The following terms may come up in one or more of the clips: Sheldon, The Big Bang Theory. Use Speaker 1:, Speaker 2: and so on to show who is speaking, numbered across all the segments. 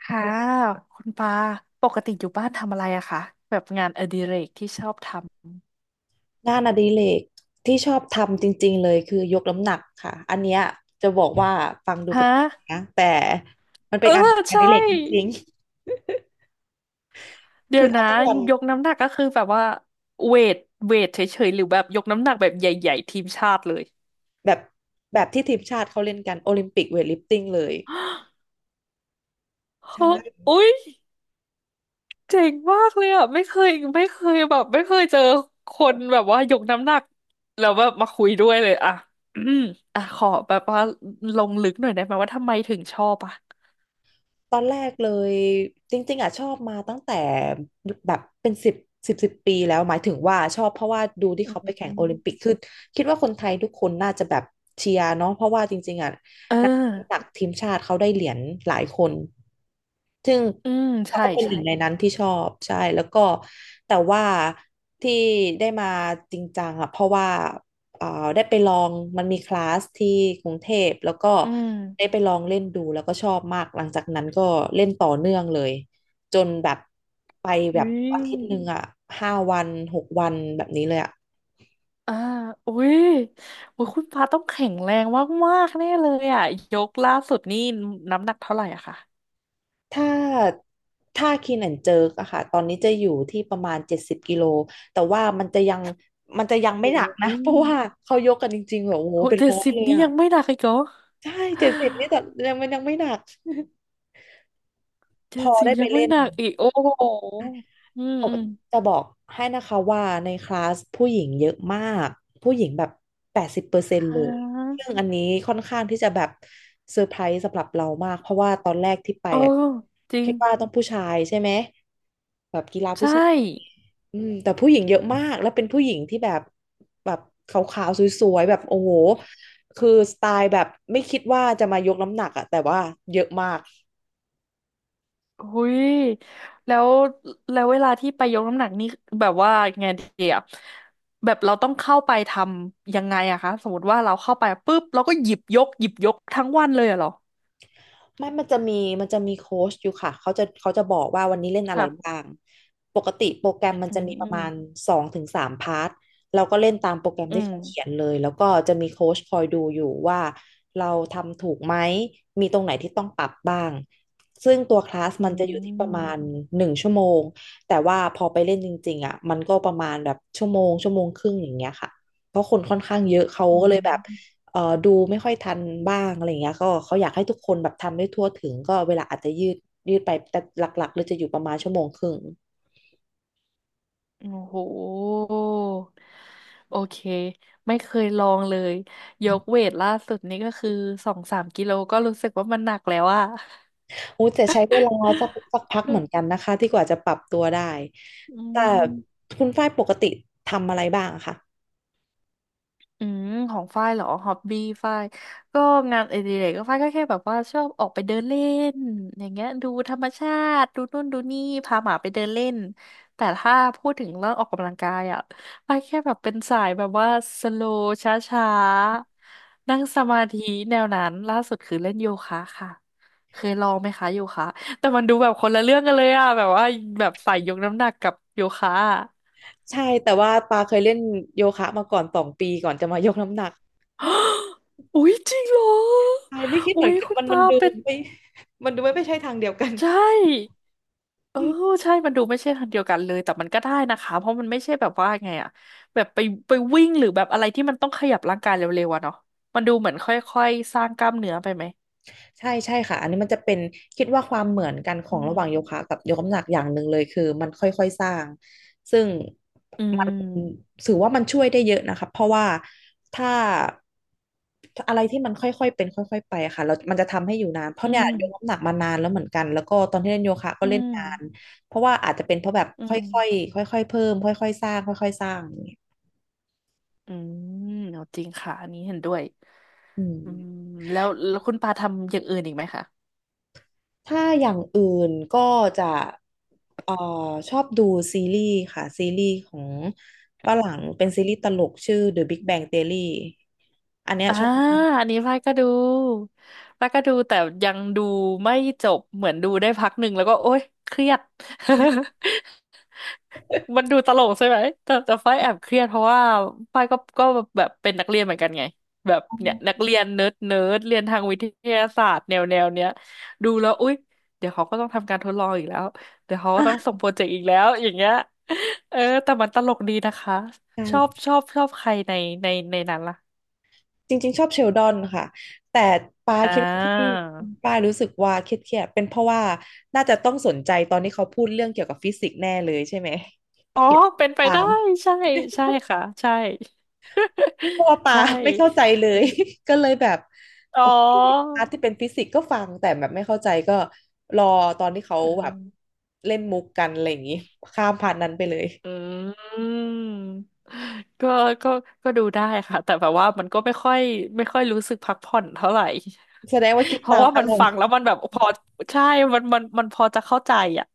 Speaker 1: ค่ะคุณปาปกติอยู่บ้านทำอะไรอะคะแบบงานอดิเรกที่ชอบท
Speaker 2: งานอดิเรกที่ชอบทำจริงๆเลยคือยกน้ำหนักค่ะอันเนี้ยจะบอกว่าฟังดู
Speaker 1: ำฮ
Speaker 2: แปลก
Speaker 1: ะ
Speaker 2: นะแต่มันเป็
Speaker 1: เอ
Speaker 2: น
Speaker 1: อ
Speaker 2: งานอ
Speaker 1: ใช่
Speaker 2: ดิเรกจริงๆ
Speaker 1: เดี๋ย
Speaker 2: คื
Speaker 1: ว
Speaker 2: อ
Speaker 1: นะ
Speaker 2: ทำทุกวัน
Speaker 1: ยกน้ำหนักก็คือแบบว่าเวทเวทเฉยๆหรือแบบยกน้ำหนักแบบใหญ่ๆทีมชาติเลย
Speaker 2: แบบแบบที่ทีมชาติเขาเล่นกันโอลิมปิกเวทลิฟติ้งเลย
Speaker 1: เฮ้อ
Speaker 2: ใช่
Speaker 1: อุ๊ยเจ๋งมากเลยอะไม่เคยไม่เคยแบบไม่เคยเจอคนแบบว่ายกน้ำหนักแล้วแบบมาคุยด้วยเลยอะอืมอะขอแบบว่าลงลึกหน่อยได้ไหมว่าทำไมถึงชอบอะ
Speaker 2: ตอนแรกเลยจริงๆอ่ะชอบมาตั้งแต่แบบเป็นสิบปีแล้วหมายถึงว่าชอบเพราะว่าดูที่
Speaker 1: อื
Speaker 2: เขาไปแข่งโอลิมปิก
Speaker 1: ม
Speaker 2: คือคิดว่าคนไทยทุกคนน่าจะแบบเชียร์เนาะเพราะว่าจริงๆอ่ะ
Speaker 1: เออ
Speaker 2: นักตักทีมชาติเขาได้เหรียญหลายคนซึ่ง
Speaker 1: อืม
Speaker 2: เรา
Speaker 1: ใช่
Speaker 2: ก็เป็นห
Speaker 1: ใช่
Speaker 2: นึ่งในนั้นที่ชอบใช่แล้วก็แต่ว่าที่ได้มาจริงจังอ่ะเพราะว่า เอ่อได้ไปลองมันมีคลาสที่กรุงเทพแล้วก็
Speaker 1: อืม
Speaker 2: ได้ไปลองเล่นดูแล้วก็ชอบมากหลังจากนั้นก็เล่นต่อเนื่องเลยจนแบบไปแบ
Speaker 1: อุ้
Speaker 2: บ
Speaker 1: ย
Speaker 2: อาทิตย์หนึ่งอ่ะ5 วัน6 วันแบบนี้เลยอ่ะ
Speaker 1: อ่าอุ้ยอุ้ยคุณปาต้องแข็งแรงมากๆแน่เลยอ่ะยกล่าสุดนี่น้ำหนักเท่าไหร่อะคะ
Speaker 2: ถ้าถ้าคีนแอนเจิร์กอะค่ะตอนนี้จะอยู่ที่ประมาณ70 กิโลแต่ว่ามันจะยัง
Speaker 1: โอ้
Speaker 2: ไม่หนัก
Speaker 1: โห
Speaker 2: นะ เพราะว่าเขายกกันจริงๆแบบโอ้โห
Speaker 1: โห
Speaker 2: เป็น
Speaker 1: เจ็ด
Speaker 2: ร้อย
Speaker 1: สิบ
Speaker 2: เลย
Speaker 1: นี่
Speaker 2: อะ
Speaker 1: ยังไม่หนักอีกเหรอ
Speaker 2: ใช่เจ็ดสิบนี่แต่ยังมันยังไม่หนัก พ
Speaker 1: เจ็ด
Speaker 2: อ
Speaker 1: สิบ
Speaker 2: ได้ไป
Speaker 1: ยังไม่
Speaker 2: เล่น
Speaker 1: หนักอีกโอ้โหอืม
Speaker 2: เขา
Speaker 1: อืม
Speaker 2: จะบอกให้นะคะว่าในคลาสผู้หญิงเยอะมากผู้หญิงแบบ80%
Speaker 1: อ่
Speaker 2: เลย
Speaker 1: า
Speaker 2: ซึ่งอันนี้ค่อนข้างที่จะแบบเซอร์ไพรส์สำหรับเรามากเพราะว่าตอนแรกที่ไป
Speaker 1: เออ
Speaker 2: อะ
Speaker 1: จริ
Speaker 2: คิ
Speaker 1: ง
Speaker 2: ดว่าต้องผู้ชายใช่ไหมแบบกีฬา
Speaker 1: ใช
Speaker 2: ผู้ชาย
Speaker 1: ่
Speaker 2: อืมแต่ผู้หญิงเยอะมากแล้วเป็นผู้หญิงที่แบบแบบขาวๆสวยๆแบบโอ้โหคือสไตล์แบบไม่คิดว่าจะมายกน้ำหนักอะแต่ว่าเยอะมาก
Speaker 1: หุยแล้วแล้วเวลาที่ไปยกน้ำหนักนี่แบบว่าไงดีอะแบบเราต้องเข้าไปทำยังไงอะคะสมมติว่าเราเข้าไปปุ๊บเราก็หยิบยกหยิบยกทั้งวันเลยอะเหรอ
Speaker 2: ไม่มันจะมีโค้ชอยู่ค่ะเขาจะบอกว่าวันนี้เล่นอะไร
Speaker 1: ค่ะ
Speaker 2: บ้างปกติโปรแกรมมัน
Speaker 1: อื
Speaker 2: จะ
Speaker 1: ม
Speaker 2: มีป
Speaker 1: อื
Speaker 2: ระ
Speaker 1: ม
Speaker 2: มาณ2 ถึง 3 พาร์ทเราก็เล่นตามโปรแกรม
Speaker 1: อื
Speaker 2: ที่
Speaker 1: ม
Speaker 2: เขาเขียนเลยแล้วก็จะมีโค้ชคอยดูอยู่ว่าเราทำถูกไหมมีตรงไหนที่ต้องปรับบ้างซึ่งตัวคลาส
Speaker 1: อื
Speaker 2: มันจะอยู่ที่ประมา
Speaker 1: ม
Speaker 2: ณ1 ชั่วโมงแต่ว่าพอไปเล่นจริงๆอ่ะมันก็ประมาณแบบชั่วโมงชั่วโมงครึ่งอย่างเงี้ยค่ะเพราะคนค่อนข้างเยอะเขา
Speaker 1: อื
Speaker 2: ก็เลยแบบ
Speaker 1: ม
Speaker 2: ดูไม่ค่อยทันบ้างอะไรอย่างเงี้ยก็เขาอยากให้ทุกคนแบบทำได้ทั่วถึงก็เวลาอาจจะยืดยืดไปแต่หลักๆเลยจะอยู่ประมาณชั่วโมงครึ่ง
Speaker 1: โอ้โหโอเคไม่เคยลองเลยยกเวทล่าสุดนี่ก็คือสองสามกิโลก็รู้สึกว่ามันหนักแล้วอะ
Speaker 2: อู้แต่ใช้เวลาสักพักเหมือนกัน นะคะที่กว่าจะปรับตัวได้
Speaker 1: อื
Speaker 2: แต่
Speaker 1: ม
Speaker 2: คุณฝ้ายปกติทำอะไรบ้างอะคะ
Speaker 1: อืมของฝ้ายเหรอฮอบบี้ฝ้ายก็งานอดิเรกก็ฝ้ายก็แค่แบบว่าชอบออกไปเดินเล่นอย่างเงี้ยดูธรรมชาติดูนู่นดูนี่พาหมาไปเดินเล่นแต่ถ้าพูดถึงเรื่องออกกำลังกายอ่ะฝ้ายแค่แบบเป็นสายแบบว่าสโลช้าๆนั่งสมาธิแนวนั้นล่าสุดคือเล่นโยคะค่ะเคยลองไหมคะโยคะแต่มันดูแบบคนละเรื่องกันเลยอ่ะแบบว่าแบบสายยกน้ำหนักกับโยคะ
Speaker 2: ใช่แต่ว่าปาเคยเล่นโยคะมาก่อน2 ปีก่อนจะมา ยกน้ำหนัก
Speaker 1: อุ๊ยจริงเหรอ
Speaker 2: ใช่ไม่คิดเหมื
Speaker 1: อุ๊
Speaker 2: อน
Speaker 1: ย
Speaker 2: กัน
Speaker 1: คุณปาเป็น
Speaker 2: ไม่มันดูไม่ใช่ทางเดียวกัน
Speaker 1: ใช่เออใช่มันดูไม่ใช่ทางเดียวกันเลยแต่มันก็ได้นะคะเพราะมันไม่ใช่แบบว่าไงอะแบบไปไปวิ่งหรือแบบอะไรที่มันต้องขยับร่างกายเร็วๆอะเนาะมันดูเหมือนค่อยๆสร้างกล้ามเนื้อไปไหม
Speaker 2: ใช่ใช่ค่ะอันนี้มันจะเป็นคิดว่าความเหมือนกันขอ
Speaker 1: อื
Speaker 2: งระหว่างโย
Speaker 1: ม
Speaker 2: คะกับยกน้ำหนักอย่างหนึ่งเลยคือมันค่อยๆสร้างซึ่ง
Speaker 1: อื
Speaker 2: มัน
Speaker 1: ม
Speaker 2: ถือว่ามันช่วยได้เยอะนะคะเพราะว่าถ้าอะไรที่มันค่อยๆเป็นค่อยๆไปอะค่ะเรามันจะทำให้อยู่นานเพราะ
Speaker 1: อื
Speaker 2: เนี่ย
Speaker 1: ม
Speaker 2: ยกน้ำหนักมานานแล้วเหมือนกันแล้วก็ตอนที่เล่นโยคะก็
Speaker 1: อื
Speaker 2: เล่น
Speaker 1: ม
Speaker 2: นานเพราะว่าอาจจะเป็นเพราะแบบ
Speaker 1: อืม
Speaker 2: ค่อยๆค่อยๆเพิ่มค่อยๆสร้างค่อยๆสร้างอย่างเงี้ย
Speaker 1: อืมเอาจริงค่ะอันนี้เห็นด้วย
Speaker 2: อืม
Speaker 1: อืมแล้วแล้วคุณปาทำอย่างอื่นอีกไหมคะ
Speaker 2: ถ้าอย่างอื่นก็จะเอ่อชอบดูซีรีส์ค่ะซีรีส์ของฝรั่งเป็นซีรีส์ตลกชื่อ The Big Bang Theory อันเนี้ย
Speaker 1: อ่า
Speaker 2: ชอบมาก
Speaker 1: อันนี้ป้ายก็ดูป้ายก็ดูแต่ยังดูไม่จบเหมือนดูได้พักหนึ่งแล้วก็โอ๊ยเครียด มันดูตลกใช่ไหมแต่แต่ฝ้ายแอบเครียดเพราะว่าฝ้ายก็ก็แบบเป็นนักเรียนเหมือนกันไงแบบเนี่ยนักเรียนเนิร์ดเนิร์ดเรียนทางวิทยาศาสตร์แนวแนวเนี้ยดูแล้วอุ๊ยเดี๋ยวเขาก็ต้องทำการทดลองอีกแล้วเดี๋ยวเขาก็ต้องส่
Speaker 2: อ่ะ
Speaker 1: งโปรเจกต์อีกแล้วอย่างเงี้ยเออแต่มันตลกดีนะคะ
Speaker 2: ใช่
Speaker 1: ชอบชอบชอบใครในในในนั้นล่ะ
Speaker 2: จริงๆชอบเชลดอนค่ะแต่ปา
Speaker 1: อ่า
Speaker 2: คิดว่าที่ปารู้สึกว่าเครียดๆเป็นเพราะว่าน่าจะต้องสนใจตอนที่เขาพูดเรื่องเกี่ยวกับฟิสิกส์แน่เลยใช่ไหม
Speaker 1: อ๋อเป็นไป
Speaker 2: ถา
Speaker 1: ได้
Speaker 2: ม
Speaker 1: ใช่ใช่ค่ะใช่
Speaker 2: เพราะว่า ปา
Speaker 1: ใช่
Speaker 2: ไม่เข้าใจเล ย ก็เลยแบบ
Speaker 1: อ๋อ
Speaker 2: โอเคพาร์ทที่เป็นฟิสิกส์ก็ฟังแต่แบบไม่เข้าใจก็รอตอนที่เขา
Speaker 1: เอ
Speaker 2: แบบ
Speaker 1: อ
Speaker 2: เล่นมุกกันอะไรอย่างนี้ข้ามผ่านนั้นไปเลย
Speaker 1: อืมก็ก็ ก็ดูได้ค่ะแต่แบบว่ามันก็ไม่ค่อยไม่ค่อยรู้สึกพักผ่อนเท่าไหร่
Speaker 2: แสดงว่าคิด
Speaker 1: เพราะ
Speaker 2: ตาม
Speaker 1: ว่า
Speaker 2: ต
Speaker 1: มัน
Speaker 2: ลอ
Speaker 1: ฟั
Speaker 2: ด
Speaker 1: งแล้วมันแบบพอใช่มันมันมันพอจะเข้าใจอ่ะ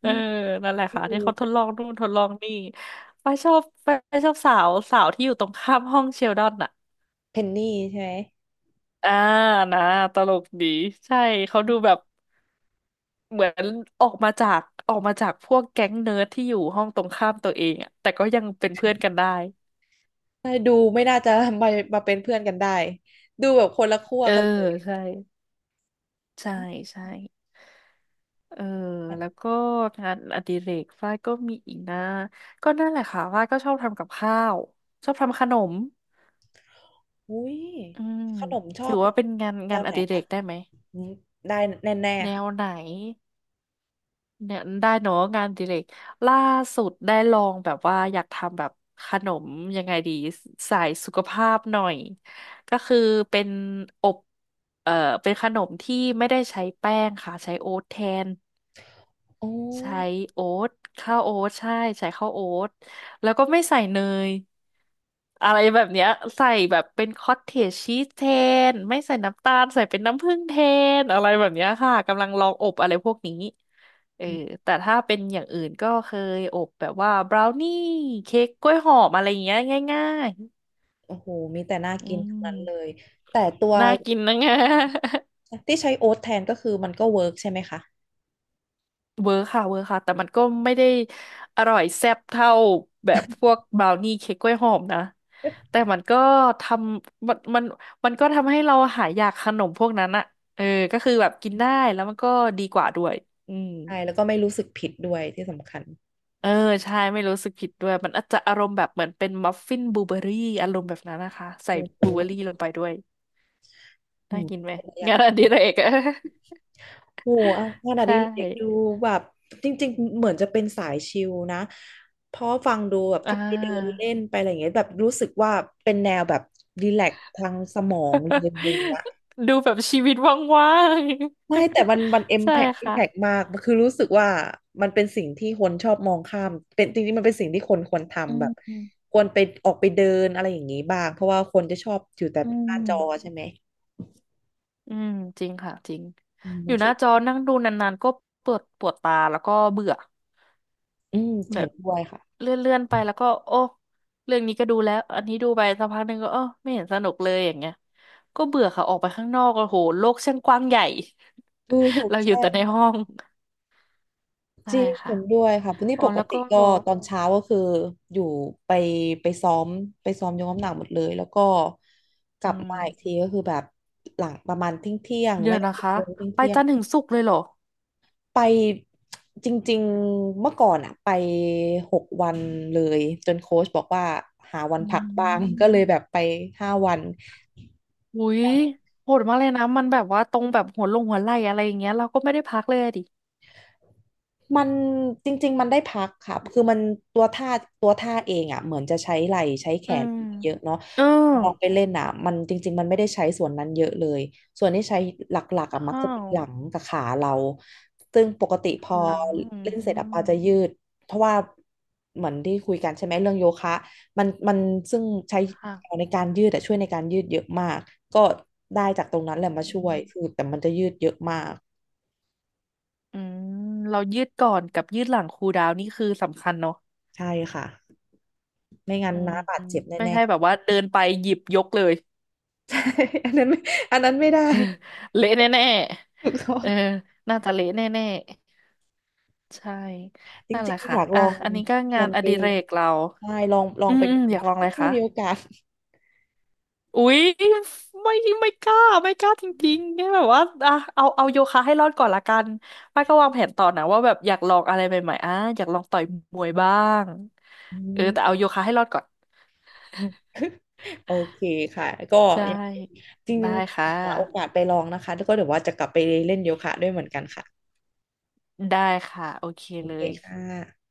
Speaker 1: เอ
Speaker 2: อื
Speaker 1: อ
Speaker 2: ม
Speaker 1: นั่นแหละค่ะที่เขาทดลองนู่นทดลองนี่ไปชอบไปชอบสาวสาวที่อยู่ตรงข้ามห้องเชลดอนอ่ะ
Speaker 2: เพนนี่ใช่ไ
Speaker 1: อ่านะตลกดีใช่เขาดูแบบเหมือนออกมาจากออกมาจากพวกแก๊งเนิร์ดที่อยู่ห้องตรงข้ามตัวเองอะแต่ก็ยังเป็นเพื่อนกันได้
Speaker 2: หมดูไม่น่าจะมามาเป็นเพื่อนกันได้ดูแบบคนละขั้ว
Speaker 1: เออ
Speaker 2: กันเลย
Speaker 1: ใช่ใช่ใช่เออ
Speaker 2: แบบ
Speaker 1: แล้วก็งานอดิเรกฝ้ายก็มีอีกนะก็นั่นแหละค่ะฝ้ายก็ชอบทำกับข้าวชอบทำขนม
Speaker 2: อุ้ย
Speaker 1: อืม
Speaker 2: ขนมชอ
Speaker 1: ถื
Speaker 2: บ
Speaker 1: อ
Speaker 2: เป็
Speaker 1: ว่า
Speaker 2: น
Speaker 1: เป็นงาน
Speaker 2: แน
Speaker 1: งาน
Speaker 2: ว
Speaker 1: อ
Speaker 2: ไหน
Speaker 1: ดิเร
Speaker 2: คะ
Speaker 1: กได้ไหม
Speaker 2: อืมได้แน่
Speaker 1: แน
Speaker 2: ๆค่ะ
Speaker 1: วไหน เนี่ยได้เนาะงานอดิเรกล่าสุดได้ลองแบบว่าอยากทำแบบขนมยังไงดีสายสุขภาพหน่อยก็คือเป็นอบเอ่อเป็นขนมที่ไม่ได้ใช้แป้งค่ะใช้โอ๊ตแทน
Speaker 2: อ๋อ
Speaker 1: ใช้โอ๊ตข้าวโอ๊ตใช่ใช้ข้าวโอ๊ตแล้วก็ไม่ใส่เนย อะไรแบบเนี้ยใส่แบบเป็นคอตเทจชีสแทนไม่ใส่น้ำตาลใส่เป็นน้ำผึ้งแทนอะไรแบบเนี้ยค่ะกำลังลองอบอะไรพวกนี้เออแต่ถ้าเป็นอย่างอื่นก็เคยอบแบบว่าบราวนี่เค้กกล้วยหอมอะไรอย่างเงี้ยง่าย
Speaker 2: โอ้โหมีแต่น่า
Speaker 1: ๆอื
Speaker 2: กินทั้งนั้น
Speaker 1: ม
Speaker 2: เลย แต่ตัว
Speaker 1: น่ากินนะ งะ
Speaker 2: ที่ใช้โอ๊ตแทนก็คือมันก็เวิร์กใช่ไหมคะ
Speaker 1: เวอร์ค่ะเวอร์ค่ะแต่มันก็ไม่ได้อร่อยแซ่บเท่าแบบพวกบราวนี่เค้กกล้วยหอมนะแต่มันก็ทำมันมันมันก็ทำให้เราหายอยากขนมพวกนั้นอะเออก็คือแบบกินได้แล้วมันก็ดีกว่าด้วยอืม
Speaker 2: ใช่ แล้วก็ไม่รู้สึกผิดด้วยที่สำคัญ
Speaker 1: เออใช่ไม่รู้สึกผิดด้วยมันอาจจะอารมณ์แบบเหมือนเป็นมัฟฟินบลูเบอร์รี่อารมณ์แบบนั้นนะคะใส่
Speaker 2: โอ้โห
Speaker 1: บลูเบอร์รี่ลงไปด้วย
Speaker 2: อื
Speaker 1: ได้
Speaker 2: ม
Speaker 1: กินไหม
Speaker 2: อ ยาก
Speaker 1: งาน
Speaker 2: กิ
Speaker 1: อ
Speaker 2: น
Speaker 1: ดิเรกอะ
Speaker 2: โอ้โหเอางา นอดิ
Speaker 1: ใช่
Speaker 2: เรกดูแบบจริงๆเหมือนจะเป็นสายชิลนะเพราะฟังดูแบบ
Speaker 1: อ่า
Speaker 2: ที่ไปเดินเล่นไปอะไรอย่างเงี้ยแบบรู้สึกว่าเป็นแนวแบบรีแลกซ์ทางสมองเลยอะไรอย่าง เงี้ย
Speaker 1: ดูแบบชีวิตว่างๆ
Speaker 2: ไม่แต่มัน
Speaker 1: ใช่
Speaker 2: impact
Speaker 1: ค่ะ
Speaker 2: มากคือรู้สึกว่ามันเป็นสิ่งที่คนชอบมองข้ามเป็นจริงๆมันเป็นสิ่งที่คนควร
Speaker 1: อื
Speaker 2: ทำแบ
Speaker 1: ม
Speaker 2: บ
Speaker 1: อื
Speaker 2: ควรไปออกไปเดินอะไรอย่างนี้บ้างเพราะว่าคนจะชอบอยู่แต่
Speaker 1: ม
Speaker 2: หน้าจอใช่ไหม
Speaker 1: อืมจริงค่ะจริง
Speaker 2: อืม
Speaker 1: อ
Speaker 2: มั
Speaker 1: ยู่
Speaker 2: นช
Speaker 1: ห
Speaker 2: อ
Speaker 1: น้า
Speaker 2: บ
Speaker 1: จอนั่งดูนานๆก็ปวดปวดตาแล้วก็เบื่อ
Speaker 2: อืม
Speaker 1: แบ
Speaker 2: เห็
Speaker 1: บ
Speaker 2: นด้วยค่ะ
Speaker 1: เลื่อนๆไปแล้วก็โอ้เรื่องนี้ก็ดูแล้วอันนี้ดูไปสักพักหนึ่งก็เออไม่เห็นสนุกเลยอย่างเงี้ยก็เบื่อค่ะออกไปข้างนอกโอ้โหโลกช่างกว้างใหญ่
Speaker 2: ถู ก
Speaker 1: เราอยู่
Speaker 2: ใช่
Speaker 1: แต่ในห้อง
Speaker 2: จ
Speaker 1: ใช่
Speaker 2: ริง
Speaker 1: ค่ะ
Speaker 2: เห็นด้วยค่ะนี่
Speaker 1: อ๋อ
Speaker 2: ปก
Speaker 1: แล้ว
Speaker 2: ติ
Speaker 1: ก็
Speaker 2: ก็ตอนเช้าก็คืออยู่ไปไปซ้อมไปซ้อมยกน้ำหนักหมดเลยแล้วก็ก
Speaker 1: อื
Speaker 2: ลับ
Speaker 1: ม
Speaker 2: มาอีกทีก็คือแบบหลังประมาณเที่ยงเที่ยง
Speaker 1: เดี๋ย
Speaker 2: ไม่
Speaker 1: ว
Speaker 2: ก็
Speaker 1: นะ
Speaker 2: สิบ
Speaker 1: คะ
Speaker 2: โมง
Speaker 1: ไป
Speaker 2: เที่ยง
Speaker 1: จันทร์ถึงศุกร์เลยเหรอ
Speaker 2: ไปจริงๆเมื่อก่อนอะไป6 วันเลยจนโค้ชบอกว่าหาวัน
Speaker 1: อื
Speaker 2: พักบ้าง
Speaker 1: ม
Speaker 2: ก็เลยแบบไป5 วัน
Speaker 1: อุ้ยโหดมากเลยนะมันแบบว่าตรงแบบหัวลงหัวไหล่อะไรอย่างเงี้ยเราก็ไม่ได้พักเลยอะดิ
Speaker 2: มันจริงๆมันได้พักค่ะคือมันตัวท่าตัวท่าเองอ่ะเหมือนจะใช้ไหล่ใช้แข
Speaker 1: อื
Speaker 2: น
Speaker 1: ม
Speaker 2: เยอะเนาะ
Speaker 1: เออ
Speaker 2: แต่พอลองไปเล่นอ่ะมันจริงๆมันไม่ได้ใช้ส่วนนั้นเยอะเลย ส่วนที่ใช้หลักๆอ่ะ
Speaker 1: อ้
Speaker 2: มักจะ
Speaker 1: า
Speaker 2: เป็
Speaker 1: ว
Speaker 2: นหลังกับขาเรา ซึ่งปกติพอ
Speaker 1: หลังอื
Speaker 2: เล่นเสร็จอ่ะ
Speaker 1: ม
Speaker 2: ปาจะยืดเพราะว่าเหมือนที่คุยกันใช่ไหมเรื่องโยคะมันซึ่งใช้
Speaker 1: ค่ะ
Speaker 2: ในการยืดแต่ช่วยในการยืดเยอะมากก็ได้จากตรงนั้นแหละมาช่วยคือแต่มันจะยืดเยอะมาก
Speaker 1: อืมเรายืดก่อนกับยืดหลังคูลดาวน์นี่คือสำคัญเนาะ
Speaker 2: ใช่ค่ะไม่งั้น
Speaker 1: อืม
Speaker 2: น้าบาดเจ็บ
Speaker 1: ไม่
Speaker 2: แน่
Speaker 1: ใช่แบบว่าเดินไปหยิบยกเลย
Speaker 2: อันนั้นไม่อันนั้นไม่ได้
Speaker 1: เละแน่
Speaker 2: ถูกต้อ
Speaker 1: ๆเอ
Speaker 2: ง
Speaker 1: อน่าจะเละแน่ๆใช่
Speaker 2: จ
Speaker 1: นั่นแห
Speaker 2: ริง
Speaker 1: ละ
Speaker 2: ๆอ
Speaker 1: ค่ะ
Speaker 2: ยากล
Speaker 1: อ่ะ
Speaker 2: อง
Speaker 1: อันนี้ก็
Speaker 2: ช
Speaker 1: งา
Speaker 2: ว
Speaker 1: น
Speaker 2: น
Speaker 1: อ
Speaker 2: ไป
Speaker 1: ดิเรกเรา
Speaker 2: ใช่ลอง
Speaker 1: อื
Speaker 2: ไป
Speaker 1: มอื
Speaker 2: ดู
Speaker 1: มอยาก
Speaker 2: นะ
Speaker 1: ลอง
Speaker 2: คะ
Speaker 1: อะไร
Speaker 2: ถ้า
Speaker 1: คะ
Speaker 2: มีโอกาส
Speaker 1: อุ๊ยไม่ไม่กล้าไม่กล้าจริงๆแค่แบบว่าอ่ะเอาเอาโยคะให้รอดก่อนละกันป้าก็วางแผนต่อนะว่าแบบอยากลองอะไรใหม่ๆอ่ะอยากลองต่อยมวยบ้าง
Speaker 2: อื
Speaker 1: เออแต่
Speaker 2: ม
Speaker 1: เอาโยคะให้รอดก่อน
Speaker 2: โอเคค่ะก็
Speaker 1: ใช่
Speaker 2: ยังจริง
Speaker 1: ได้
Speaker 2: ๆ
Speaker 1: ค่ะ
Speaker 2: หาโอกาสไปลองนะคะแล้วก็เดี๋ยวว่าจะกลับไปเล่นโยคะด้วยเหมือนกันค่ะ
Speaker 1: ได้ค่ะโอเค
Speaker 2: โอ
Speaker 1: เล
Speaker 2: เค
Speaker 1: ย
Speaker 2: ค่ะ